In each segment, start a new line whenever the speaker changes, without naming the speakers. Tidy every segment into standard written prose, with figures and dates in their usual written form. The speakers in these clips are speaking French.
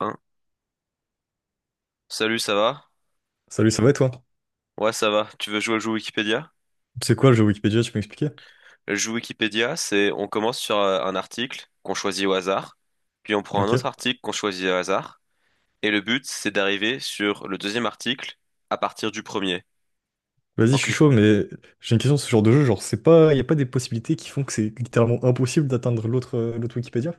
Hein. Salut, ça va?
Salut, ça va et toi?
Ouais, ça va. Tu veux jouer au jeu Wikipédia?
C'est quoi le jeu Wikipédia, tu peux m'expliquer?
Le jeu Wikipédia, c'est on commence sur un article qu'on choisit au hasard, puis on prend un
Ok.
autre article qu'on choisit au hasard, et le but, c'est d'arriver sur le deuxième article à partir du premier.
Vas-y, je
En
suis
clic-
chaud, mais j'ai une question sur ce genre de jeu. Genre, c'est pas, y a pas des possibilités qui font que c'est littéralement impossible d'atteindre l'autre l'autre Wikipédia?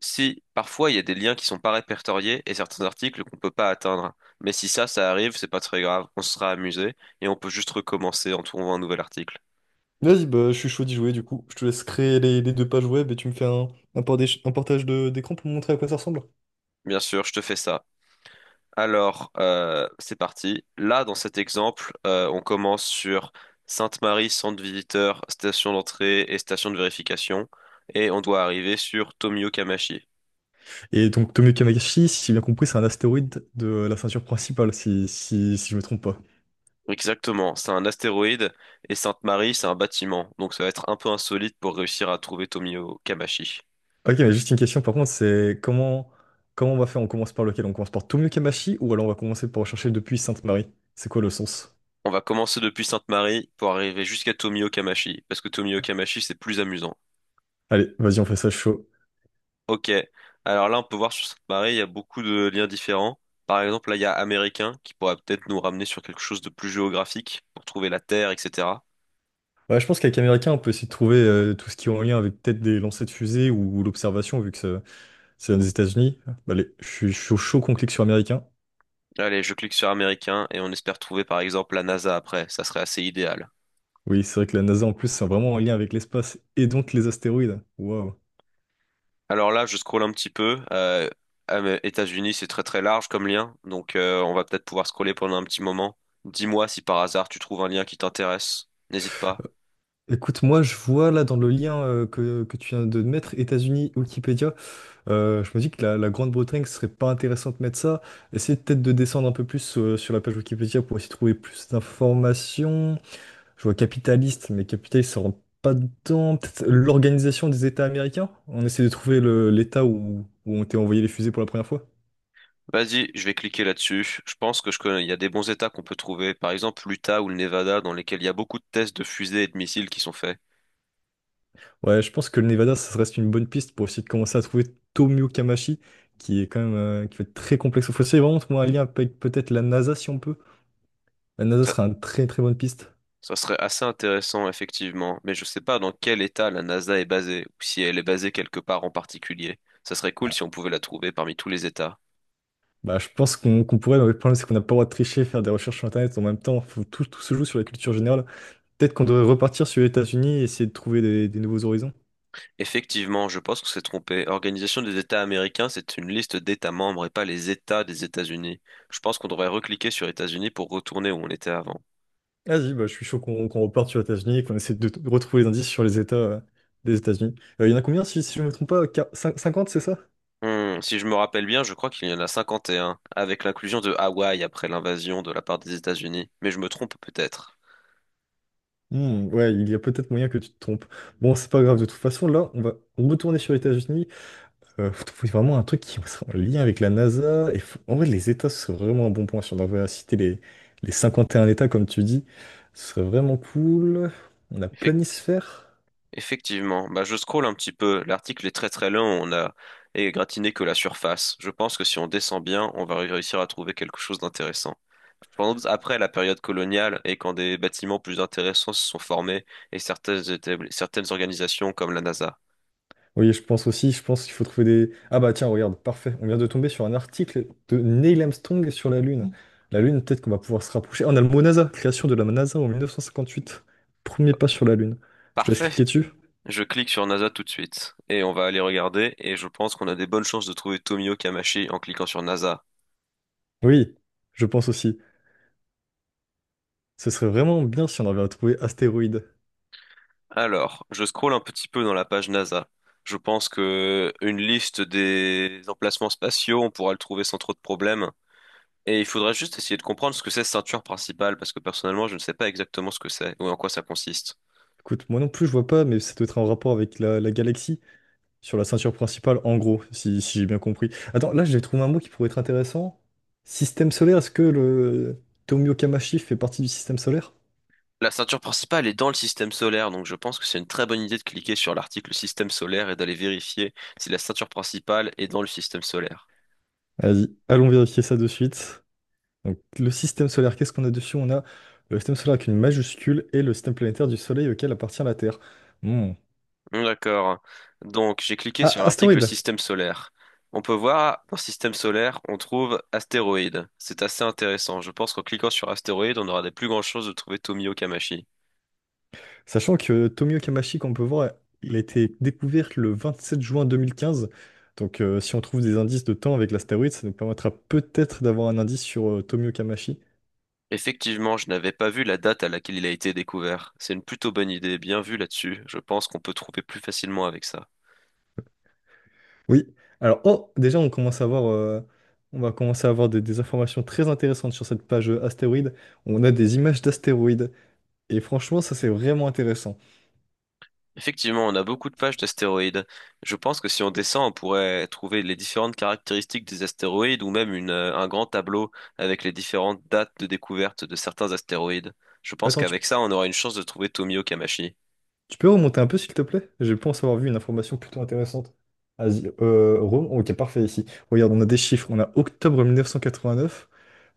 Si parfois il y a des liens qui sont pas répertoriés et certains articles qu'on peut pas atteindre, mais si ça, ça arrive, c'est pas très grave, on sera amusé et on peut juste recommencer en trouvant un nouvel article.
Vas-y, bah, je suis chaud d'y jouer du coup. Je te laisse créer les deux pages web et tu me fais un portage- un portage de- d'écran pour me montrer à quoi ça ressemble.
Bien sûr, je te fais ça. Alors, c'est parti. Là, dans cet exemple, on commence sur Sainte-Marie, centre visiteur, station d'entrée et station de vérification, et on doit arriver sur Tomio Kamachi.
Et donc, Tomio Kamakashi, si j'ai bien compris, c'est un astéroïde de la ceinture principale, si je me trompe pas.
Exactement, c'est un astéroïde, et Sainte-Marie, c'est un bâtiment, donc ça va être un peu insolite pour réussir à trouver Tomio Kamachi.
Ok, mais juste une question par contre, c'est comment on va faire? On commence par lequel? On commence par Tomio Kamashi ou alors on va commencer par chercher depuis Sainte-Marie? C'est quoi le sens?
On va commencer depuis Sainte-Marie pour arriver jusqu'à Tomio Kamachi, parce que Tomio Kamachi, c'est plus amusant.
Allez, vas-y, on fait ça chaud.
Ok. Alors là, on peut voir sur cette marée, il y a beaucoup de liens différents. Par exemple, là, il y a américain qui pourrait peut-être nous ramener sur quelque chose de plus géographique pour trouver la Terre, etc.
Ouais, je pense qu'avec Américain, on peut essayer de trouver tout ce qui est en lien avec peut-être des lancers de fusées ou l'observation, vu que ça- c'est aux États-Unis. Bah, allez, je suis chaud, chaud qu'on clique sur Américain.
Allez, je clique sur américain et on espère trouver par exemple la NASA après. Ça serait assez idéal.
Oui, c'est vrai que la NASA, en plus, c'est vraiment en lien avec l'espace et donc les astéroïdes. Waouh.
Alors là, je scrolle un petit peu. États-Unis, c'est très très large comme lien, donc on va peut-être pouvoir scroller pendant un petit moment. Dis-moi si par hasard tu trouves un lien qui t'intéresse. N'hésite pas.
Écoute, moi, je vois là dans le lien que tu viens de mettre, États-Unis, Wikipédia, je me dis que la Grande-Bretagne, ce serait pas intéressant de mettre ça. Essayez peut-être de descendre un peu plus sur la page Wikipédia pour essayer de trouver plus d'informations. Je vois capitaliste, mais capitaliste, ça rentre pas dedans. Peut-être l'organisation des États américains? On essaie de trouver le- l'État où ont été envoyés les fusées pour la première fois.
Vas-y, je vais cliquer là-dessus. Je pense que je connais, il y a des bons états qu'on peut trouver. Par exemple, l'Utah ou le Nevada, dans lesquels il y a beaucoup de tests de fusées et de missiles qui sont faits.
Ouais, je pense que le Nevada, ça reste une bonne piste pour essayer de commencer à trouver Tomio Kamachi, qui est quand même qui va être très complexe. Il faut essayer vraiment de trouver un lien avec peut-être la NASA si on peut. La NASA
Ça,
sera une très très bonne piste.
ça serait assez intéressant, effectivement. Mais je sais pas dans quel état la NASA est basée, ou si elle est basée quelque part en particulier. Ça serait cool si on pouvait la trouver parmi tous les états.
Bah, je pense qu'on pourrait, mais le problème c'est qu'on n'a pas le droit de tricher, faire des recherches sur Internet en même temps. Faut, tout se joue sur la culture générale. Peut-être qu'on devrait repartir sur les États-Unis et essayer de trouver des nouveaux horizons.
Effectivement, je pense qu'on s'est trompé. Organisation des États américains, c'est une liste d'États membres et pas les États des États-Unis. Je pense qu'on devrait recliquer sur États-Unis pour retourner où on était avant.
Vas-y, bah, je suis chaud qu'on reparte sur les États-Unis qu'on essaie de retrouver les indices sur les États des États-Unis. Il y en a combien, si je ne me trompe pas, quar- cin- 50, c'est ça?
Si je me rappelle bien, je crois qu'il y en a 51, avec l'inclusion de Hawaï après l'invasion de la part des États-Unis. Mais je me trompe peut-être.
Hmm, ouais, il y a peut-être moyen que tu te trompes. Bon, c'est pas grave, de toute façon, là, on va retourner sur les États-Unis. Faut trouver vraiment un truc qui soit en lien avec la NASA. Et faut- En vrai, les États, ce serait vraiment un bon point. Si on devait citer les 51 États, comme tu dis, ce serait vraiment cool. On a
Effectivement.
planisphère.
Effectivement, bah, je scrolle un petit peu. L'article est très très long, on a égratigné que la surface. Je pense que si on descend bien, on va réussir à trouver quelque chose d'intéressant. Je pense après la période coloniale et quand des bâtiments plus intéressants se sont formés et certaines organisations comme la NASA.
Oui, je pense aussi, je pense qu'il faut trouver des… Ah bah tiens, regarde, parfait. On vient de tomber sur un article de Neil Armstrong sur la Lune. La Lune, peut-être qu'on va pouvoir se rapprocher. Ah, on a le mot NASA, création de la NASA en 1958. Premier pas sur la Lune. Je te laisse
Parfait.
cliquer dessus.
Je clique sur NASA tout de suite et on va aller regarder et je pense qu'on a des bonnes chances de trouver Tomio Kamashi en cliquant sur NASA.
Oui, je pense aussi. Ce serait vraiment bien si on avait à trouver astéroïde.
Alors, je scrolle un petit peu dans la page NASA. Je pense que une liste des emplacements spatiaux, on pourra le trouver sans trop de problèmes. Et il faudra juste essayer de comprendre ce que c'est ceinture principale, parce que personnellement, je ne sais pas exactement ce que c'est ou en quoi ça consiste.
Écoute, moi non plus, je vois pas, mais ça doit être en rapport avec la galaxie, sur la ceinture principale, en gros, si j'ai bien compris. Attends, là, j'ai trouvé un mot qui pourrait être intéressant. Système solaire, est-ce que le Tomio Kamashi fait partie du système solaire?
La ceinture principale est dans le système solaire, donc je pense que c'est une très bonne idée de cliquer sur l'article système solaire et d'aller vérifier si la ceinture principale est dans le système solaire.
Vas-y, allons vérifier ça de suite. Donc, le système solaire, qu'est-ce qu'on a dessus? On a le système solaire avec une majuscule et le système planétaire du Soleil auquel appartient la Terre. Hmm.
D'accord. Donc, j'ai cliqué
Ah,
sur l'article
astéroïde!
système solaire. On peut voir, dans système solaire, on trouve astéroïdes. C'est assez intéressant. Je pense qu'en cliquant sur astéroïdes, on aura des plus grandes chances de trouver Tomio Kamashi.
Sachant que Tomio Kamachi, qu'on peut voir, il a été découvert le 27 juin 2015. Donc, si on trouve des indices de temps avec l'astéroïde, ça nous permettra peut-être d'avoir un indice sur Tomio Kamachi.
Effectivement, je n'avais pas vu la date à laquelle il a été découvert. C'est une plutôt bonne idée, bien vu là-dessus. Je pense qu'on peut trouver plus facilement avec ça.
Oui. Alors, oh, déjà, on commence à avoir, on va commencer à avoir des informations très intéressantes sur cette page astéroïde. On a des images d'astéroïdes. Et franchement, ça c'est vraiment intéressant.
Effectivement, on a beaucoup de pages d'astéroïdes. Je pense que si on descend, on pourrait trouver les différentes caractéristiques des astéroïdes ou même un grand tableau avec les différentes dates de découverte de certains astéroïdes. Je pense
Attends,
qu'avec ça, on aura une chance de trouver Tomio Kamachi.
tu peux remonter un peu s'il te plaît? Je pense avoir vu une information plutôt intéressante. Asie- Rome, ok, parfait ici. Regarde, on a des chiffres. On a octobre 1989,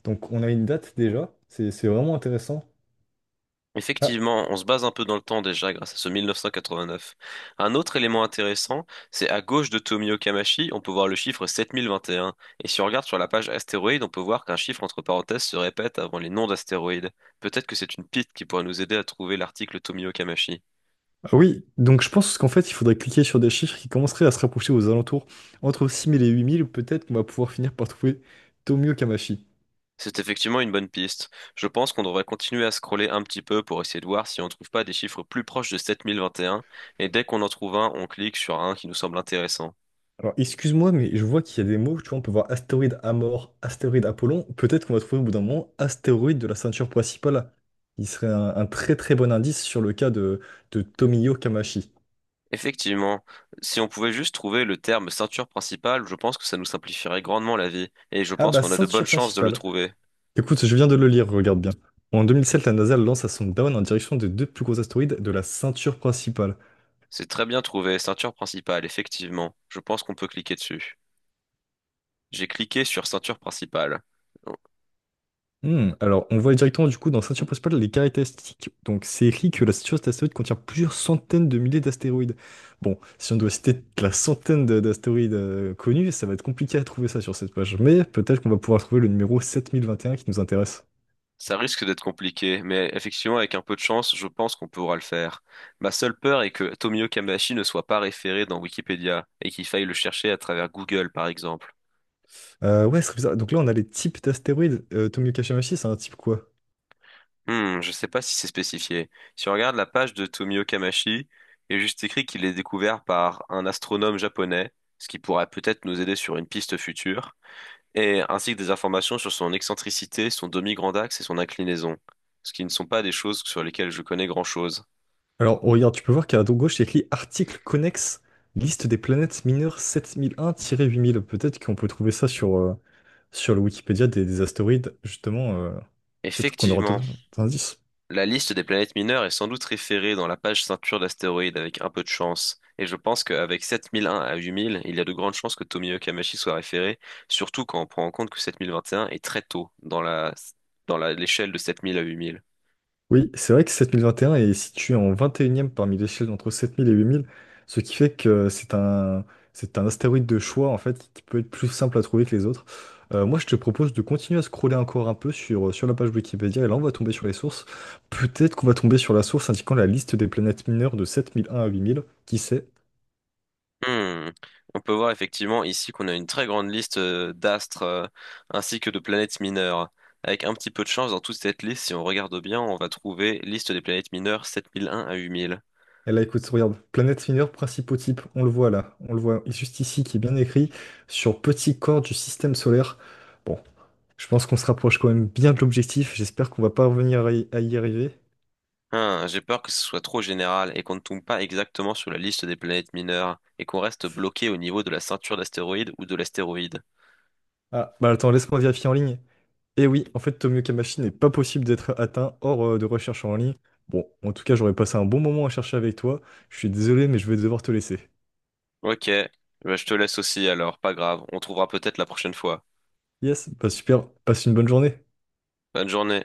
donc on a une date déjà. C'est vraiment intéressant. Ah,
Effectivement, on se base un peu dans le temps déjà grâce à ce 1989. Un autre élément intéressant, c'est à gauche de Tomio Kamashi, on peut voir le chiffre 7021. Et un. Et si on regarde sur la page astéroïde, on peut voir qu'un chiffre entre parenthèses se répète avant les noms d'astéroïdes. Peut-être que c'est une piste qui pourrait nous aider à trouver l'article Tomio Kamashi.
ah oui, donc je pense qu'en fait, il faudrait cliquer sur des chiffres qui commenceraient à se rapprocher aux alentours. Entre 6000 et 8000, peut-être qu'on va pouvoir finir par trouver Tomio Kamashi.
C'est effectivement une bonne piste. Je pense qu'on devrait continuer à scroller un petit peu pour essayer de voir si on ne trouve pas des chiffres plus proches de 7021, et un, et dès qu'on en trouve un, on clique sur un qui nous semble intéressant.
Alors, excuse-moi, mais je vois qu'il y a des mots, tu vois, on peut voir astéroïde Amor, astéroïde Apollon. Peut-être qu'on va trouver au bout d'un moment astéroïde de la ceinture principale. Il serait un très très bon indice sur le cas de Tomio Kamashi.
Effectivement, si on pouvait juste trouver le terme ceinture principale, je pense que ça nous simplifierait grandement la vie, et je
Ah
pense
bah,
qu'on a de bonnes
ceinture
chances de le
principale.
trouver.
Écoute, je viens de le lire, regarde bien. En 2007, la NASA lance sa sonde Dawn en direction des deux plus gros astéroïdes de la ceinture principale.
C'est très bien trouvé, ceinture principale, effectivement. Je pense qu'on peut cliquer dessus. J'ai cliqué sur ceinture principale.
Hmm, alors, on voit directement du coup dans la ceinture principale les caractéristiques. Donc, c'est écrit que la ceinture d'astéroïdes contient plusieurs centaines de milliers d'astéroïdes. Bon, si on doit citer la centaine de- d'astéroïdes connus, ça va être compliqué à trouver ça sur cette page. Mais peut-être qu'on va pouvoir trouver le numéro 7021 qui nous intéresse.
Ça risque d'être compliqué, mais effectivement, avec un peu de chance, je pense qu'on pourra le faire. Ma seule peur est que Tomio Kamashi ne soit pas référé dans Wikipédia et qu'il faille le chercher à travers Google, par exemple.
Ouais, ce serait bizarre. Donc là, on a les types d'astéroïdes. Tomio Kashimaki, c'est un type quoi?
Je sais pas si c'est spécifié. Si on regarde la page de Tomio Kamashi, il est juste écrit qu'il est découvert par un astronome japonais, ce qui pourrait peut-être nous aider sur une piste future, et ainsi que des informations sur son excentricité, son demi-grand axe et son inclinaison, ce qui ne sont pas des choses sur lesquelles je connais grand-chose.
Alors, oh, regarde, tu peux voir qu'à droite gauche, c'est écrit article connexe, liste des planètes mineures 7001-8000. Peut-être qu'on peut trouver ça sur, sur le Wikipédia des astéroïdes, justement, peut-être qu'on aura
Effectivement.
d'autres indices.
La liste des planètes mineures est sans doute référée dans la page ceinture d'astéroïdes avec un peu de chance, et je pense qu'avec 7001 à 8000, il y a de grandes chances que Tomie Kamachi soit référé, surtout quand on prend en compte que 7021 est très tôt dans l'échelle de 7000 à 8000.
Oui, c'est vrai que 7021 est situé en 21e parmi l'échelle entre 7000 et 8000, ce qui fait que c'est c'est un astéroïde de choix, en fait, qui peut être plus simple à trouver que les autres. Moi, je te propose de continuer à scroller encore un peu sur la page Wikipédia, et là, on va tomber sur les sources. Peut-être qu'on va tomber sur la source indiquant la liste des planètes mineures de 7001 à 8000, qui sait?
Hmm. On peut voir effectivement ici qu'on a une très grande liste d'astres ainsi que de planètes mineures. Avec un petit peu de chance, dans toute cette liste, si on regarde bien, on va trouver liste des planètes mineures 7001 à 8000.
Et là, écoute, regarde, Planète Finir, principaux types, on le voit là, on le voit juste ici qui est bien écrit sur petit corps du système solaire. Bon, je pense qu'on se rapproche quand même bien de l'objectif, j'espère qu'on va pas revenir à y arriver.
Hein, j'ai peur que ce soit trop général et qu'on ne tombe pas exactement sur la liste des planètes mineures et qu'on reste bloqué au niveau de la ceinture d'astéroïdes ou de l'astéroïde.
Ah, bah attends, laisse-moi vérifier en ligne. Et oui, en fait, Tomioka Machine n'est pas possible d'être atteint hors de recherche en ligne. Bon, en tout cas, j'aurais passé un bon moment à chercher avec toi. Je suis désolé, mais je vais devoir te laisser.
Ok, bah, je te laisse aussi alors, pas grave, on trouvera peut-être la prochaine fois.
Yes, bah super, passe une bonne journée.
Bonne journée.